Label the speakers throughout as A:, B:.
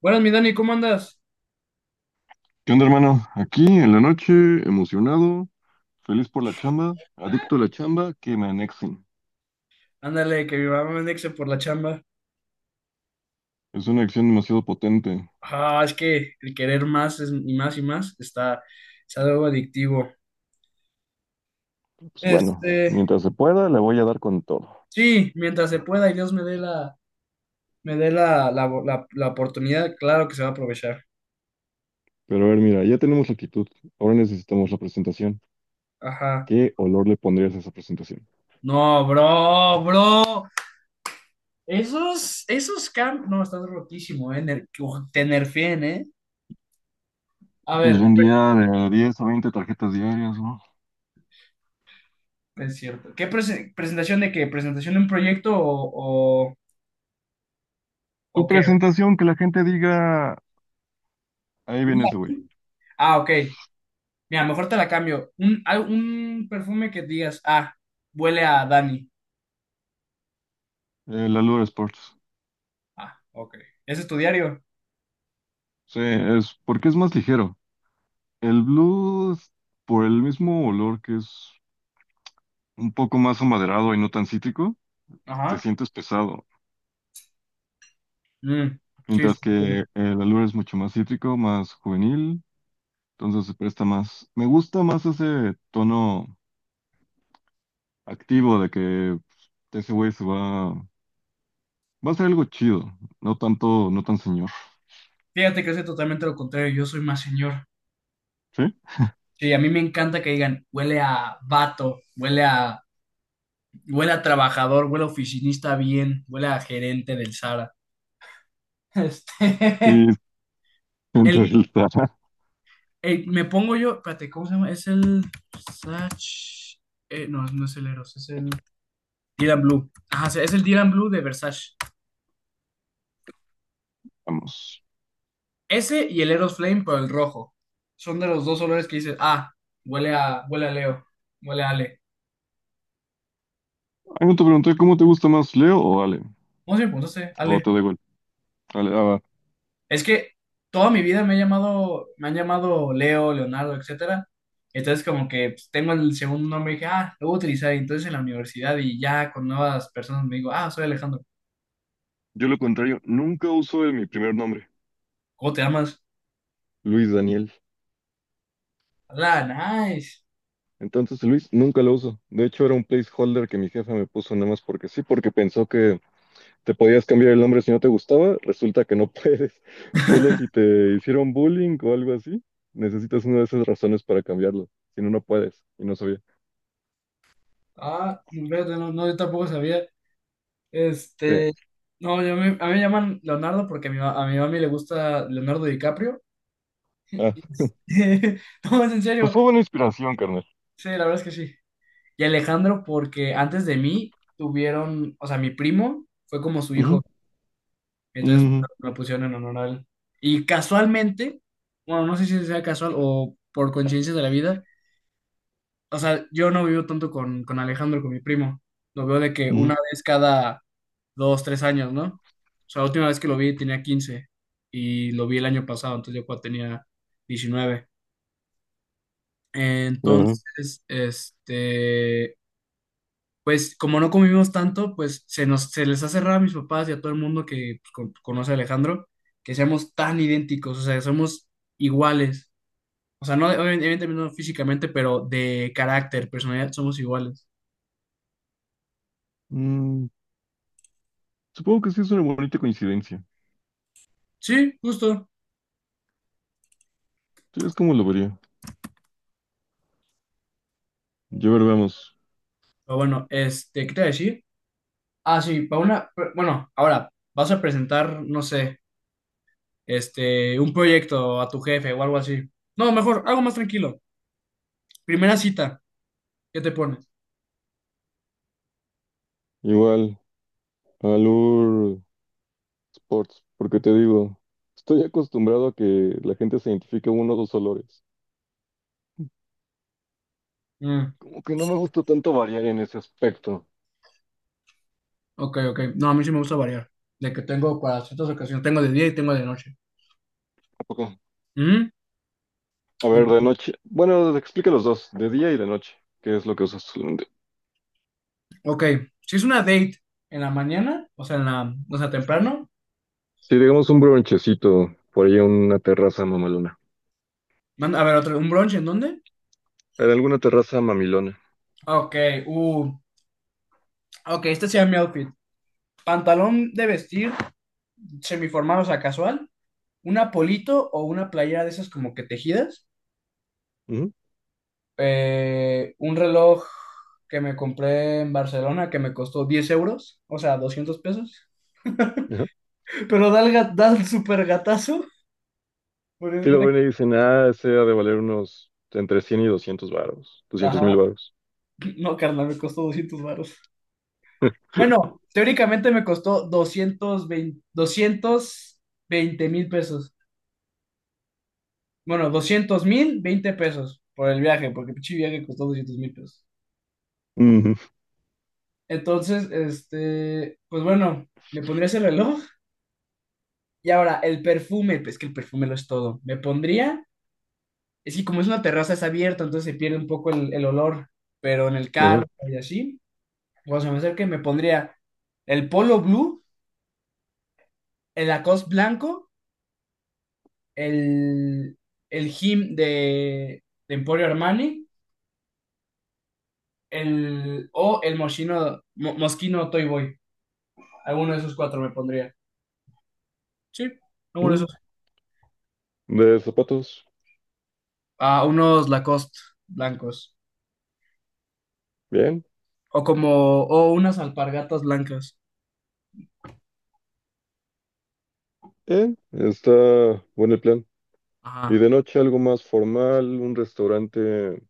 A: Buenas, mi Dani, ¿cómo andas?
B: ¿Qué onda, hermano? Aquí en la noche, emocionado, feliz por la chamba, adicto a la chamba, que me anexen.
A: Ándale, que mi mamá me andexe por la chamba.
B: Es una acción demasiado potente.
A: Ah, es que el querer más y más y más está, es algo adictivo.
B: Pues bueno,
A: Este,
B: mientras se pueda, le voy a dar con todo.
A: sí, mientras se pueda y Dios me dé la oportunidad, claro que se va a aprovechar.
B: Pero a ver, mira, ya tenemos la actitud. Ahora necesitamos la presentación.
A: Ajá.
B: ¿Qué olor le pondrías a esa presentación?
A: No, bro, bro. Esos no, estás rotísimo. Uf, te nerfeen. A
B: Pues
A: ver,
B: vendía de 10 a 20 tarjetas diarias, ¿no?
A: es cierto. ¿Qué presentación de qué? ¿Presentación de un proyecto o, o,
B: Tu
A: o qué?
B: presentación, que la gente diga, ahí viene ese güey,
A: Ah, ok. Mira, mejor te la cambio. Un perfume que digas, ah, huele a Dani.
B: el Allure Sports.
A: Ah, ok. ¿Ese es tu diario?
B: Sí, es porque es más ligero. El blues, por el mismo olor que es un poco más amaderado y no tan cítrico, te
A: Ajá.
B: sientes pesado.
A: Mm, sí, sí,
B: Mientras que
A: entiendo.
B: el Alur es mucho más cítrico, más juvenil, entonces se presta más. Me gusta más ese tono activo de que pues, ese güey se va a hacer algo chido, no tanto, no tan señor,
A: Fíjate que soy totalmente lo contrario. Yo soy más señor.
B: ¿sí?
A: Sí, a mí me encanta que digan, huele a vato, huele a trabajador, huele a oficinista bien, huele a gerente del Sara. Este,
B: Sí,
A: el,
B: entre el
A: me pongo yo, espérate, ¿cómo se llama? Es el Versace. No, no es el Eros, es el Dylan Blue. Ajá, sí, es el Dylan Blue de Versace.
B: Vamos.
A: Ese y el Eros Flame, pero el rojo. Son de los dos olores que dices, ah, huele a Leo, huele a Ale.
B: Algo te pregunté, ¿cómo te gusta más, Leo o Ale?
A: ¿Cómo se me preguntaste,
B: O
A: Ale?
B: te da igual. Ale, ah, va.
A: Es que toda mi vida me he llamado, me han llamado Leo, Leonardo, etcétera. Entonces como que pues, tengo el segundo nombre y dije, ah, lo voy a utilizar. Y entonces en la universidad y ya con nuevas personas me digo, ah, soy Alejandro.
B: Yo lo contrario, nunca uso el- mi primer nombre,
A: ¿Cómo te llamas?
B: Luis Daniel.
A: Hola, nice.
B: Entonces, Luis, nunca lo uso. De hecho, era un placeholder que mi jefa me puso nada más porque sí, porque pensó que te podías cambiar el nombre si no te gustaba. Resulta que no puedes. Solo si te hicieron bullying o algo así, necesitas una de esas razones para cambiarlo. Si no, no puedes. Y no sabía.
A: Ah, fíjate, no, no, yo tampoco sabía.
B: Sí.
A: Este, no, a mí me llaman Leonardo porque a mi mami le gusta Leonardo DiCaprio.
B: Ah,
A: Este, No, es en
B: pues
A: serio.
B: fue buena inspiración, carnal.
A: Sí, la verdad es que sí. Y Alejandro, porque antes de mí tuvieron, o sea, mi primo fue como su
B: Ujú,
A: hijo, entonces
B: ujú,
A: lo pusieron en honor a él. Y casualmente, bueno, no sé si sea casual o por coincidencia de la vida, o sea, yo no vivo tanto con Alejandro, con mi primo. Lo veo de que una vez cada dos, tres años, ¿no? O sea, la última vez que lo vi tenía 15 y lo vi el año pasado, entonces yo cuando tenía 19.
B: ujú, ajá.
A: Entonces, pues como no convivimos tanto, pues se nos, se les ha cerrado a mis papás y a todo el mundo que pues, conoce a Alejandro, que seamos tan idénticos, o sea, somos iguales. O sea, no, evidentemente no físicamente, pero de carácter, personalidad, somos iguales.
B: Mm, supongo que sí es una bonita coincidencia.
A: Sí, justo.
B: Sí, es como lo vería. Ya ver, vamos.
A: Pero bueno, ¿qué te iba a decir? Ah, sí, bueno, ahora, vas a presentar, no sé, un proyecto a tu jefe o algo así. No, mejor, algo más tranquilo. Primera cita, ¿qué te pones?
B: Igual, Alur. Sports, porque te digo, estoy acostumbrado a que la gente se identifique uno o dos olores.
A: Mm,
B: Como que no me gusta tanto variar en ese aspecto.
A: ok, ok. No, a mí sí me gusta variar. De que tengo para ciertas ocasiones, tengo de día y tengo de noche.
B: ¿A poco?
A: Mm,
B: A ver, de
A: en-
B: noche. Bueno, explica los dos, de día y de noche. ¿Qué es lo que usas?
A: ok, si es una date en la mañana, o sea, en la, o sea, temprano.
B: Si digamos un bronchecito, por ahí una terraza mamalona.
A: A ver, otro, ¿un brunch en dónde?
B: En alguna terraza mamilona.
A: Ok, uh, ok, este sería mi outfit. Pantalón de vestir, semiformal, o sea, casual. Un apolito o una playera de esas como que tejidas.
B: Ujú,
A: Un reloj que me compré en Barcelona que me costó 10 euros, o sea, 200 pesos.
B: ajá.
A: Pero da el super gatazo. Porque haz de
B: Si lo
A: cuenta
B: ven y dicen, ah, ese ha de valer unos entre 100 y 200 varos, doscientos
A: Ajá.
B: mil varos.
A: No, carnal, me costó 200 varos. Bueno, teóricamente me costó 220, 220,000 pesos. Bueno, 200,000, 20 pesos por el viaje, porque el pinche viaje costó 200,000 pesos.
B: Ujú,
A: Entonces, pues bueno, me pondría ese reloj. Y ahora, el perfume, pues que el perfume lo es todo. Me pondría, es que como es una terraza, es abierta, entonces se pierde un poco el olor, pero en el
B: ajá.
A: carro y así. O sea me acerca y me pondría el polo blue, el Lacoste blanco, el, el Him de Emporio Armani, el, o el Moschino, Moschino Toy Boy. Alguno de esos cuatro me pondría. Sí, alguno de
B: Mm,
A: esos.
B: de zapatos,
A: Ah, unos Lacoste blancos.
B: bien,
A: O como, o unas alpargatas blancas.
B: bien. Está bueno el plan. Y
A: Ajá.
B: de noche algo más formal, un restaurante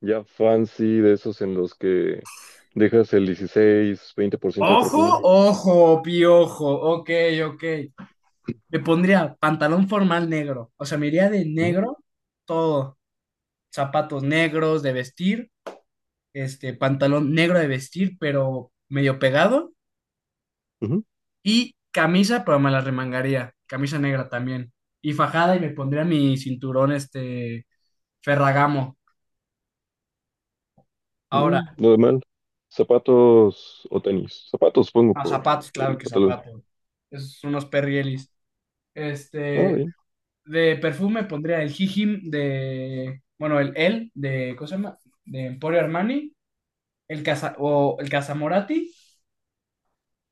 B: ya fancy, de esos en los que dejas el 16 20% de
A: Ojo,
B: propina.
A: ojo, piojo. Ok, ok. Me pondría pantalón formal negro. O sea, me iría de
B: Ujú,
A: negro todo. Zapatos negros de vestir, este pantalón negro de vestir, pero medio pegado,
B: ujú,
A: y camisa, pero me la remangaría, camisa negra también, y fajada y me pondría mi cinturón este Ferragamo. Ahora,
B: mm, nada mal. Zapatos o tenis. Zapatos pongo
A: a
B: por
A: zapatos, claro
B: el
A: que
B: pantalón.
A: zapatos, esos son unos perrielis.
B: Ah,
A: Este,
B: bien.
A: de perfume pondría el hijim de, bueno, el de, ¿cómo se llama? De Emporio Armani, el Casa, o el Casamorati.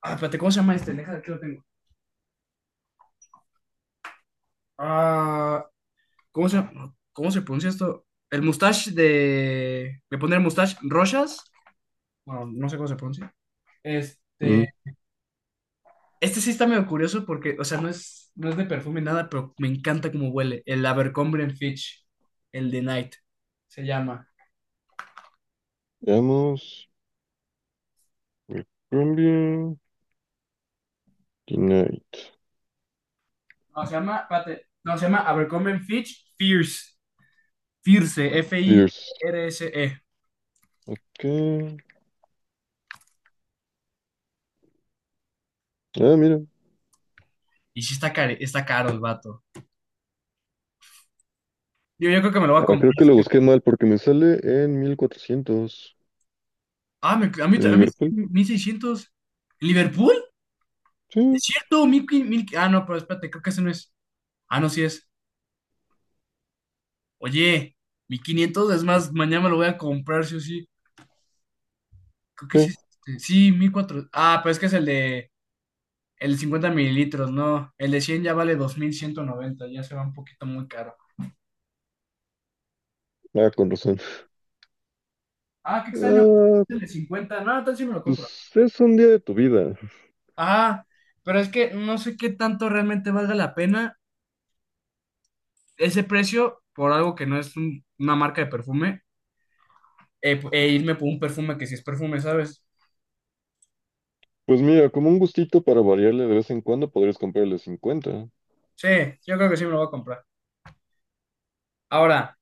A: Ah, espérate, ¿cómo se llama este? Deja, aquí lo tengo. Ah, ¿Cómo se, cómo se pronuncia esto? El mustache de. De poner mustache Rochas. Bueno, no sé cómo se pronuncia.
B: Mm,
A: Este. Este sí está medio curioso porque, o sea, no es de perfume nada, pero me encanta cómo huele. El Abercrombie and Fitch. El de Night. Se llama.
B: veamos. Colombia. Tonight.
A: No, se llama, espérate, no, se llama Abercrombie and Fitch Fierce. Fierce.
B: Fierce.
A: F-I-R-S-E.
B: Ok. Ah, mira.
A: Y sí está caro, está caro el vato. Yo creo que me lo voy a
B: Ah, creo
A: comprar.
B: que lo
A: Sí.
B: busqué mal porque me sale en 1,400
A: Ah, a mí,
B: en
A: a mí,
B: Liverpool.
A: 1,600. ¿Liverpool? Es
B: Sí,
A: cierto, ah, no, pero espérate, creo que ese no es. Ah, no, sí es. Oye, 1,500 es más, mañana me lo voy a comprar, sí o sí. Creo que sí
B: sí.
A: es este. Sí, 1400. Ah, pero es que es el de 50 mililitros, no. El de 100 ya vale 2,190, ya se va un poquito muy caro.
B: Ah, con razón.
A: Ah, qué extraño.
B: Ah,
A: El de 50 no, entonces sí me lo compro.
B: pues es un día de tu vida.
A: Ah, pero es que no sé qué tanto realmente valga la pena ese precio por algo que no es una marca de perfume, e irme por un perfume que sí es perfume, ¿sabes?
B: Pues mira, como un gustito para variarle de vez en cuando podrías comprarle 50.
A: Sí, yo creo que sí me lo voy a comprar. Ahora,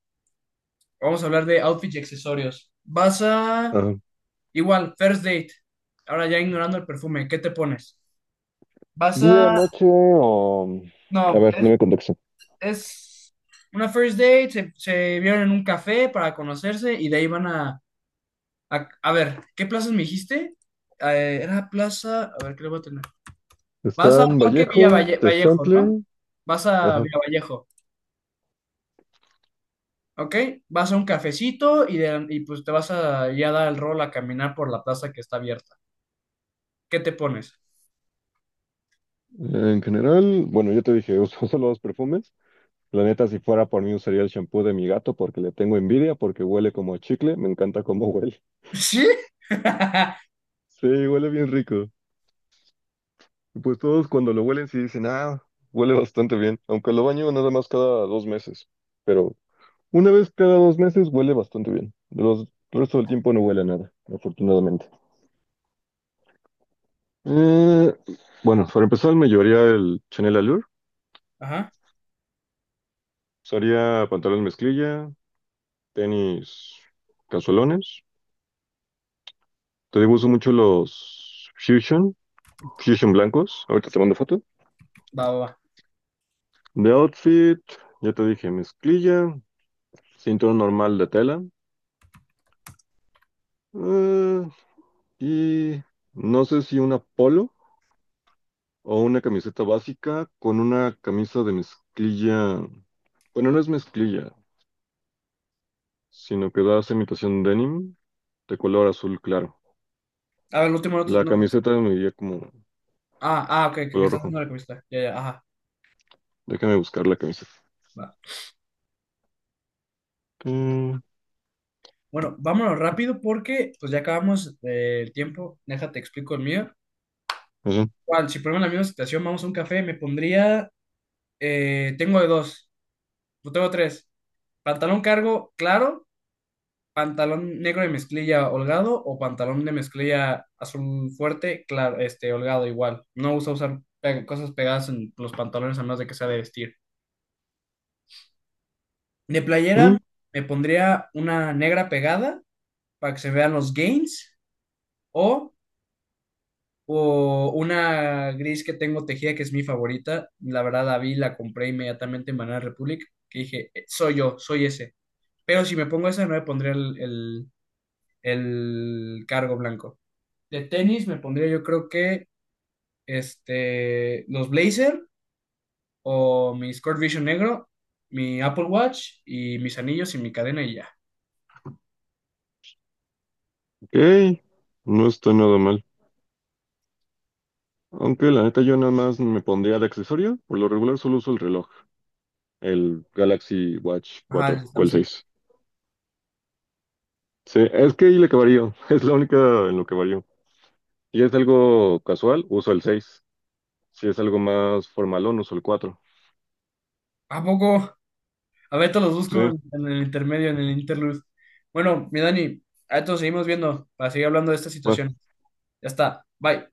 A: vamos a hablar de outfits y accesorios. Vas a,
B: Ajá.
A: igual, first date. Ahora ya ignorando el perfume, ¿qué te pones? Vas
B: Día,
A: a,
B: noche o... A
A: no,
B: ver,
A: es,
B: no me contexto.
A: es una first date, se vieron en un café para conocerse y de ahí van a ver, ¿qué plazas me dijiste? Era plaza, a ver, ¿qué le voy a tener? Vas a
B: Están
A: Parque Villa
B: Vallejo,
A: Vallejo, ¿no?
B: Tezontle,
A: Vas a
B: ajá.
A: Villa Vallejo. Ok, vas a un cafecito y, y pues te vas a ya dar el rol a caminar por la plaza que está abierta. ¿Qué te pones?
B: En general, bueno, yo te dije, uso solo dos perfumes. La neta, si fuera por mí, usaría el shampoo de mi gato porque le tengo envidia, porque huele como a chicle, me encanta cómo huele.
A: ¿Sí?
B: Sí, huele bien rico. Y pues todos cuando lo huelen sí dicen, ah, huele bastante bien, aunque lo baño nada más cada 2 meses. Pero una vez cada 2 meses huele bastante bien. El resto del tiempo no huele a nada, afortunadamente. Eh, bueno, para empezar me llevaría el Chanel Allure.
A: Ajá,
B: Usaría pantalón mezclilla, tenis casualones. Te digo, uso mucho los Fusion blancos. Ahorita te mando foto.
A: va, va, va.
B: De outfit, ya te dije, mezclilla, cinturón normal de tela. eh, y no sé si una polo o una camiseta básica con una camisa de mezclilla. Bueno, no es mezclilla, sino que da esa imitación denim de color azul claro.
A: A ver, el último no.
B: La
A: No.
B: camiseta me diría como
A: Ah, ah, ok, que
B: color
A: estás
B: rojo.
A: haciendo la entrevista. Ya, ya, ajá,
B: Déjame buscar la camiseta.
A: va.
B: Mm,
A: Bueno, vámonos rápido porque pues ya acabamos el tiempo. Déjate explico el mío.
B: eso.
A: Igual, si ponemos la misma situación, vamos a un café, me pondría. Tengo de dos, no tengo tres. Pantalón cargo, claro. Pantalón negro de mezclilla holgado o pantalón de mezclilla azul fuerte, claro, holgado igual. No uso usar cosas pegadas en los pantalones a menos de que sea de vestir. De playera
B: Mm,
A: me pondría una negra pegada para que se vean los gains o, o una gris que tengo tejida que es mi favorita. La verdad la vi, la compré inmediatamente en Banana Republic que dije, soy yo, soy ese". Pero si me pongo esa no me pondría el cargo blanco. De tenis me pondría yo creo que los Blazer o mi Sport Vision negro, mi Apple Watch y mis anillos y mi cadena y ya.
B: ok, no está nada mal. Aunque la neta yo nada más me pondría de accesorio. Por lo regular solo uso el reloj, el Galaxy Watch
A: Ajá,
B: 4
A: el
B: o el
A: Samsung.
B: 6. Sí, es que ahí le varío. Es la única en lo que varío. Si es algo casual, uso el 6. Si es algo más formalón, uso el 4.
A: ¿A poco? A ver, te los
B: Sí,
A: busco en el intermedio, en el interlude. Bueno, mi Dani, a esto seguimos viendo para seguir hablando de esta
B: va.
A: situación. Ya está. Bye.